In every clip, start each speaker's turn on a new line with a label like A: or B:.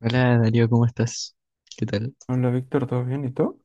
A: Hola Darío, ¿cómo estás? ¿Qué tal?
B: Hola Víctor, ¿todo bien? ¿Y tú?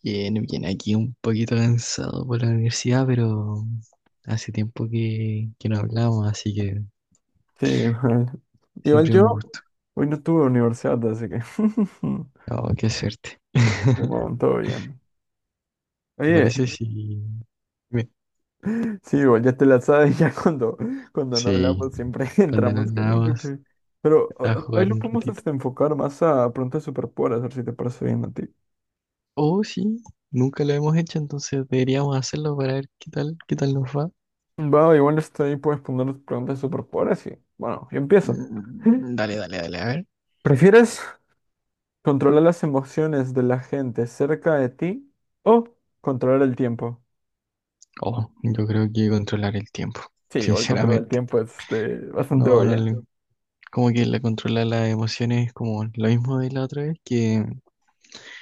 A: Bien, bien, aquí un poquito cansado por la universidad, pero hace tiempo que no hablamos, así que
B: Sí, igual. Igual
A: siempre es un
B: yo
A: gusto.
B: hoy no tuve universidad, así que
A: Oh, qué suerte.
B: bueno, todo bien.
A: ¿Te
B: Oye,
A: parece si... me-
B: sí, igual ya te la sabes, ya cuando no
A: Sí,
B: hablamos siempre
A: cuando
B: entramos
A: nos
B: con el
A: vamos
B: jefe. Pero
A: a
B: hoy
A: jugar
B: lo
A: un
B: podemos
A: ratito?
B: este, enfocar más a preguntas superpoderes, a ver si te parece bien a ti.
A: Oh, sí, nunca lo hemos hecho, entonces deberíamos hacerlo para ver qué tal nos va.
B: Va, igual está ahí, puedes poner preguntas superpoderes y bueno, yo empiezo.
A: Mm, dale, dale, dale, a ver.
B: ¿Prefieres controlar las emociones de la gente cerca de ti o controlar el tiempo?
A: Oh, yo creo que controlar el tiempo,
B: Sí, o el control del
A: sinceramente.
B: tiempo es este, bastante
A: No, no
B: obvio.
A: le, Como que la controla las emociones, como lo mismo de la otra vez, que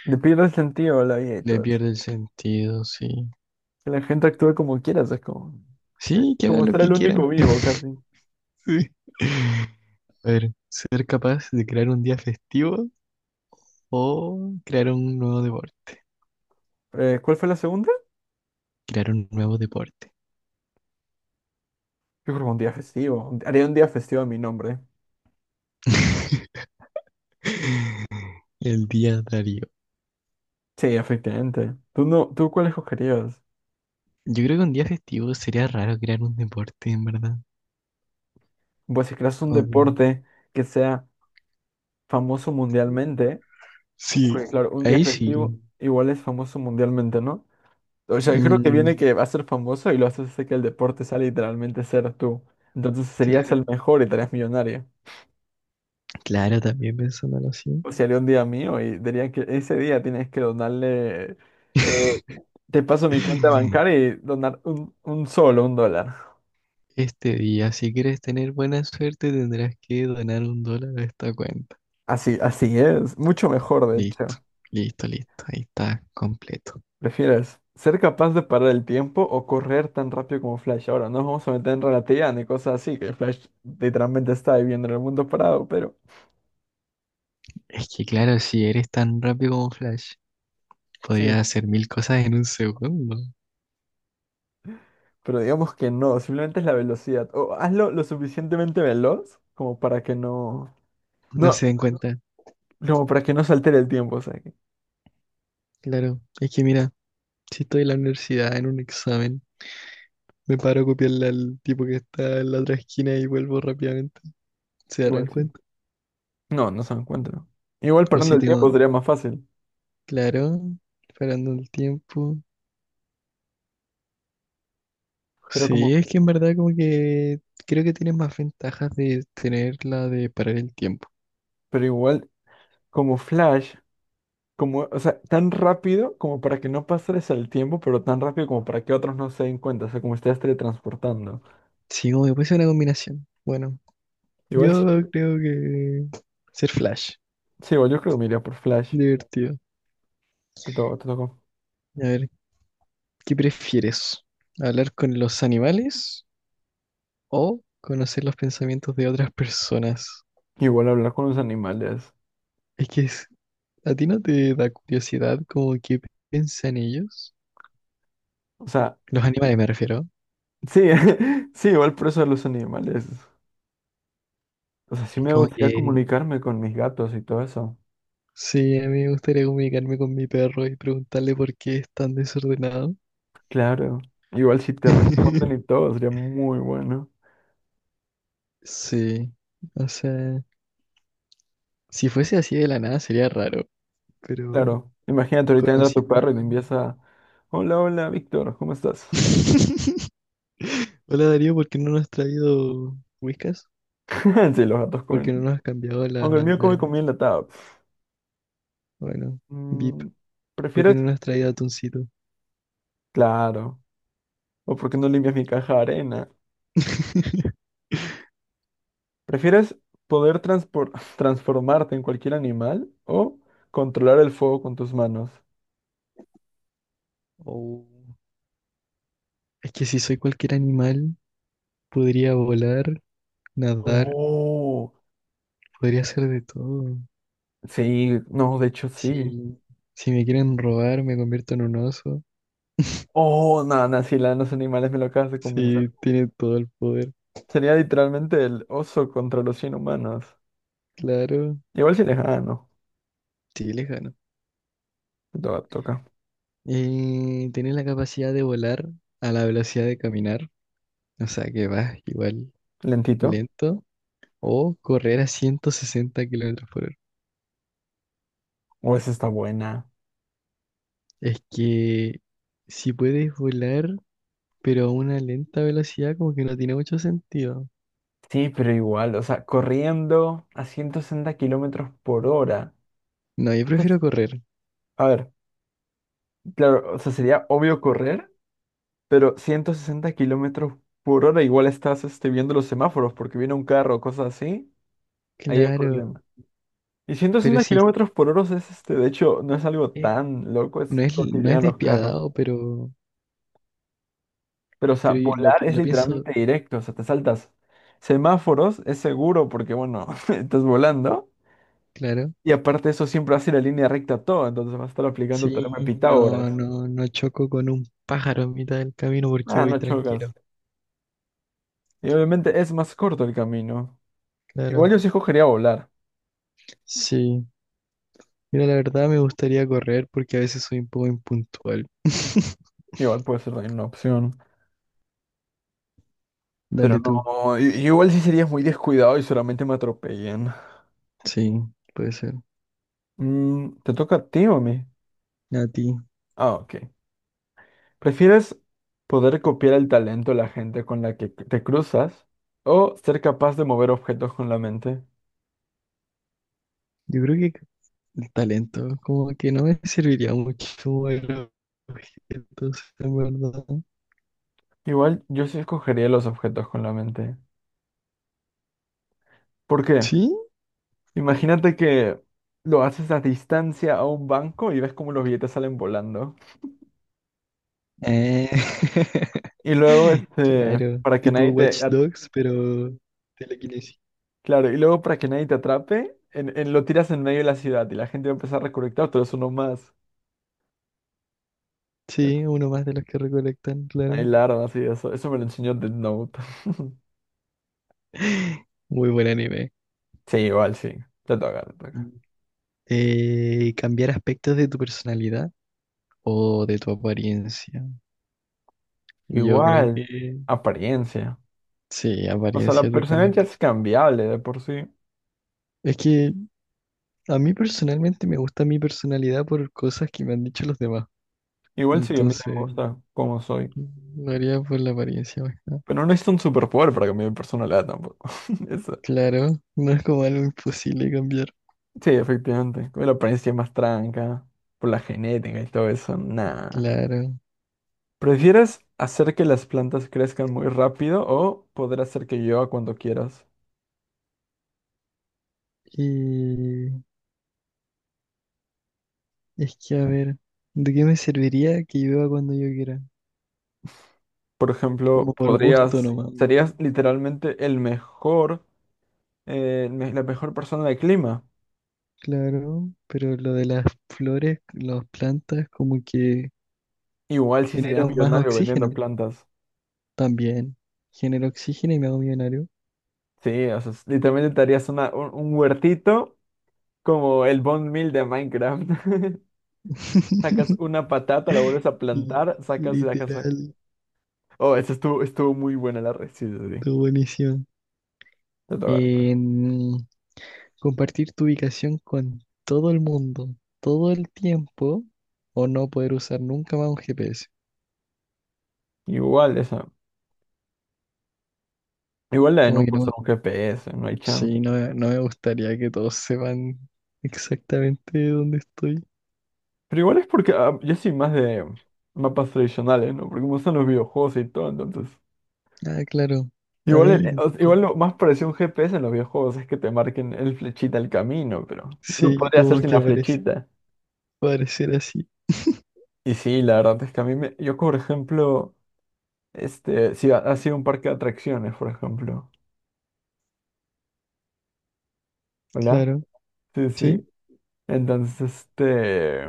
B: Le pierde el sentido a la vida y
A: le
B: todo eso.
A: pierde el sentido, sí.
B: Que la gente actúe como quiera, o sea, es como,
A: Sí, que hagan
B: como
A: lo
B: ser
A: que
B: el
A: quieran.
B: único vivo casi.
A: Sí. A ver, ¿ser capaz de crear un día festivo o crear un nuevo deporte?
B: ¿Cuál fue la segunda?
A: Crear un nuevo deporte.
B: Yo creo que un día festivo. Haría un día festivo a mi nombre.
A: El día Darío.
B: Sí, efectivamente. ¿Tú, no, tú cuál escogerías?
A: Yo creo que un día festivo. Sería raro crear un deporte, en verdad.
B: Pues si creas un
A: Como que-
B: deporte que sea famoso mundialmente,
A: Sí,
B: porque claro, un día
A: ahí
B: festivo
A: sí.
B: igual es famoso mundialmente, ¿no? O sea, yo creo que viene
A: Mm,
B: que va a ser famoso y lo haces hacer que el deporte sea literalmente ser tú. Entonces serías
A: claro,
B: el mejor y estarías millonario.
A: claro, también pensándolo así.
B: O sea, haría un día mío y diría que ese día tienes que donarle. eh, te paso mi cuenta bancaria y donar un sol o un dólar.
A: Este día, si quieres tener buena suerte, tendrás que donar un dólar a esta cuenta.
B: Así, así es. Mucho mejor, de
A: Listo,
B: hecho.
A: listo, listo. Ahí está, completo.
B: ¿Prefieres ser capaz de parar el tiempo o correr tan rápido como Flash? Ahora, no nos vamos a meter en relatividad ni cosas así, que Flash literalmente está viviendo en el mundo parado, pero
A: Es que claro, si eres tan rápido como Flash, podrías
B: sí.
A: hacer mil cosas en un segundo.
B: Pero digamos que no, simplemente es la velocidad. O hazlo lo suficientemente veloz como para que no.
A: No
B: No,
A: se den cuenta.
B: como para que no se altere el tiempo, o sea que.
A: Claro, es que mira, si estoy en la universidad en un examen, me paro a copiarle al tipo que está en la otra esquina y vuelvo rápidamente. ¿Se darán
B: Igual sí.
A: cuenta?
B: No, no se encuentra. Igual
A: O
B: parando
A: si
B: el tiempo
A: tengo,
B: sería más fácil.
A: claro, parando el tiempo.
B: Pero como.
A: Sí, es que en verdad como que creo que tiene más ventajas de tener la de parar el tiempo.
B: Pero igual, como Flash, como, o sea, tan rápido como para que no pases el tiempo, pero tan rápido como para que otros no se den cuenta. O sea, como estés teletransportando.
A: Sí, como que puede ser una combinación. Bueno,
B: Igual
A: yo
B: sí,
A: creo que ser Flash,
B: sí, igual yo creo que me iría por Flash.
A: divertido.
B: Te tocó.
A: A ver, ¿qué prefieres? ¿Hablar con los animales o conocer los pensamientos de otras personas?
B: Igual hablar con los animales.
A: Es que es- a ti no te da curiosidad como qué piensan ellos.
B: O sea,
A: Los animales me refiero.
B: sí, sí, igual por eso de los animales. O sea, sí me
A: Como
B: gustaría
A: que
B: comunicarme con mis gatos y todo eso.
A: sí, a mí me gustaría comunicarme con mi perro y preguntarle por qué es tan desordenado.
B: Claro. Igual si te responden y todo, sería muy bueno.
A: Sí, o sea, si fuese así de la nada sería raro, pero
B: Claro. Imagínate, ahorita entra tu
A: conociendo...
B: perro y te empieza a... Hola, hola, Víctor, ¿cómo estás?
A: Hola Darío, ¿por qué no nos has traído whiskas?
B: Sí, los gatos
A: ¿Por
B: comen.
A: qué no nos has cambiado
B: Aunque el
A: la,
B: mío
A: la
B: come
A: arena?
B: comida enlatada.
A: Bueno, VIP,
B: Mm,
A: ¿por qué
B: ¿prefieres?
A: no nos has traído atuncito?
B: Claro. ¿O por qué no limpias mi caja de arena? ¿Prefieres poder transformarte en cualquier animal o controlar el fuego con tus manos?
A: Oh, es que si soy cualquier animal, podría volar, nadar,
B: Oh,
A: podría hacer de todo.
B: sí, no, de hecho sí.
A: Si, si me quieren robar, me convierto en un oso.
B: Oh, no, no, sí, la de los animales me lo acabas de convencer.
A: Si tiene todo el poder,
B: Sería literalmente el oso contra los cien humanos.
A: claro.
B: Igual si les gano.
A: Sí, les gano.
B: Toca.
A: Tiene la capacidad de volar a la velocidad de caminar. O sea que vas igual
B: Lentito.
A: lento. O correr a 160 kilómetros por hora.
B: O esa está buena.
A: Es que si puedes volar, pero a una lenta velocidad, como que no tiene mucho sentido.
B: Sí, pero igual, o sea, corriendo a 160 kilómetros por hora.
A: No, yo prefiero
B: Entonces,
A: correr.
B: a ver, claro, o sea, sería obvio correr, pero 160 kilómetros por hora igual estás este, viendo los semáforos porque viene un carro o cosas así. Ahí hay
A: Claro.
B: problema. Y ciento
A: Pero
B: sesenta
A: sí,
B: kilómetros por hora es este, de hecho, no es algo
A: eh,
B: tan loco, es lo que
A: no es
B: llegan los carros.
A: despiadado, pero.
B: Pero, o sea, volar es
A: Lo pienso.
B: literalmente directo, o sea, te saltas semáforos, es seguro porque, bueno, estás volando.
A: Claro.
B: Y aparte eso siempre hace la línea recta todo, entonces vas a estar aplicando
A: Sí,
B: teorema de Pitágoras.
A: no choco con un pájaro en mitad del camino porque
B: Ah,
A: voy
B: no
A: tranquilo.
B: chocas. Y obviamente es más corto el camino.
A: Claro.
B: Igual yo sí escogería volar.
A: Sí. Mira, la verdad me gustaría correr porque a veces soy un poco impuntual.
B: Igual puede ser también una opción. Pero
A: Dale tú.
B: no, igual sí serías muy descuidado y solamente me atropellan.
A: Sí, puede ser.
B: Mm, ¿te toca a ti o a mí?
A: A ti.
B: Ah, ok. ¿Prefieres poder copiar el talento de la gente con la que te cruzas o ser capaz de mover objetos con la mente?
A: Yo creo que el talento, como que no me serviría mucho mover objetos, en verdad.
B: Igual yo sí escogería los objetos con la mente. ¿Por qué?
A: ¿Sí?
B: Imagínate que lo haces a distancia a un banco y ves cómo los billetes salen volando.
A: Eh,
B: Y luego, este,
A: Claro,
B: para que
A: tipo
B: nadie te...
A: Watch Dogs, pero telequinesis.
B: claro, y luego para que nadie te atrape, lo tiras en medio de la ciudad y la gente va a empezar a recolectar, pero eso no más.
A: Sí, uno más de los que recolectan,
B: Hay
A: claro.
B: larvas y eso. Eso me lo enseñó Death Note.
A: Muy buen anime.
B: Sí, igual sí. Te toca, te toca.
A: Mm. Cambiar aspectos de tu personalidad o de tu apariencia. Yo creo
B: Igual,
A: que
B: apariencia.
A: sí,
B: O sea, la
A: apariencia
B: personalidad ya
A: totalmente.
B: es cambiable de por sí.
A: Es que a mí personalmente me gusta mi personalidad por cosas que me han dicho los demás.
B: Igual sí, a mí también me
A: Entonces,
B: gusta cómo soy.
A: lo haría por la apariencia más que nada.
B: Pero no es un superpoder para cambiar mi personalidad tampoco. Eso.
A: Claro, no es como algo imposible cambiar.
B: Sí, efectivamente. Con la apariencia más tranca, por la genética y todo eso, nada.
A: Claro.
B: ¿Prefieres hacer que las plantas crezcan muy rápido o poder hacer que llueva cuando quieras?
A: Y es que, a ver, ¿de qué me serviría que llueva cuando yo quiera?
B: Por ejemplo,
A: Como por gusto
B: podrías,
A: nomás, ¿no?
B: serías literalmente el mejor, la mejor persona del clima.
A: Claro, pero lo de las flores, las plantas, como que
B: Igual sí serías
A: genero más
B: millonario vendiendo
A: oxígeno
B: plantas.
A: también. Genero oxígeno y me hago millonario.
B: Sí, o sea, literalmente te harías una, un huertito como el bone meal de Minecraft. Sacas una patata, la vuelves a
A: Li-
B: plantar, sacas, sacas, sacas.
A: Literal,
B: Oh, esa estuvo, estuvo muy buena la receta, sí. Sí, sí.
A: tu buenísimo.
B: Te toca, te toca.
A: En compartir tu ubicación con todo el mundo, todo el tiempo, o no poder usar nunca más un GPS.
B: Igual esa. Igual la de
A: Como que
B: nunca
A: no,
B: usar un GPS, no hay chance.
A: sí, no me gustaría que todos sepan exactamente dónde estoy.
B: Pero igual es porque ah, yo soy más de mapas tradicionales, ¿no? Porque me gustan los videojuegos y todo, entonces.
A: Ah, claro. A
B: Igual,
A: mí, co-
B: igual lo más parecido a un GPS en los videojuegos es que te marquen el flechita el camino, pero lo
A: sí,
B: podría hacer
A: como
B: sin
A: que
B: la
A: aparece,
B: flechita.
A: parecer así.
B: Y sí, la verdad es que a mí me... Yo, por ejemplo, este, si ha sido un parque de atracciones, por ejemplo. ¿Hola?
A: Claro,
B: Sí,
A: sí.
B: sí. Entonces, este...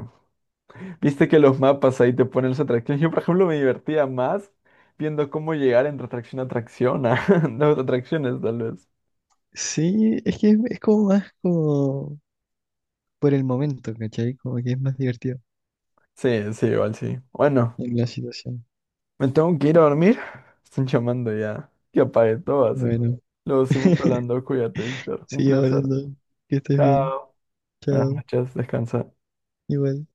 B: Viste que los mapas ahí te ponen las atracciones. Yo, por ejemplo, me divertía más viendo cómo llegar entre atracción a atracción, a las atracciones, tal vez.
A: Sí, es que es como más como por el momento, ¿cachai? Como que es más divertido
B: Sí, sí, igual sí. Bueno.
A: en la situación.
B: Me tengo que ir a dormir. Están llamando ya. Que apague todo, así. Que
A: Bueno,
B: luego seguimos hablando. Cuídate, Víctor. Un
A: sigue
B: placer.
A: hablando. Que estés
B: Chao.
A: bien.
B: Buenas
A: Chao.
B: noches. Descansa.
A: Igual.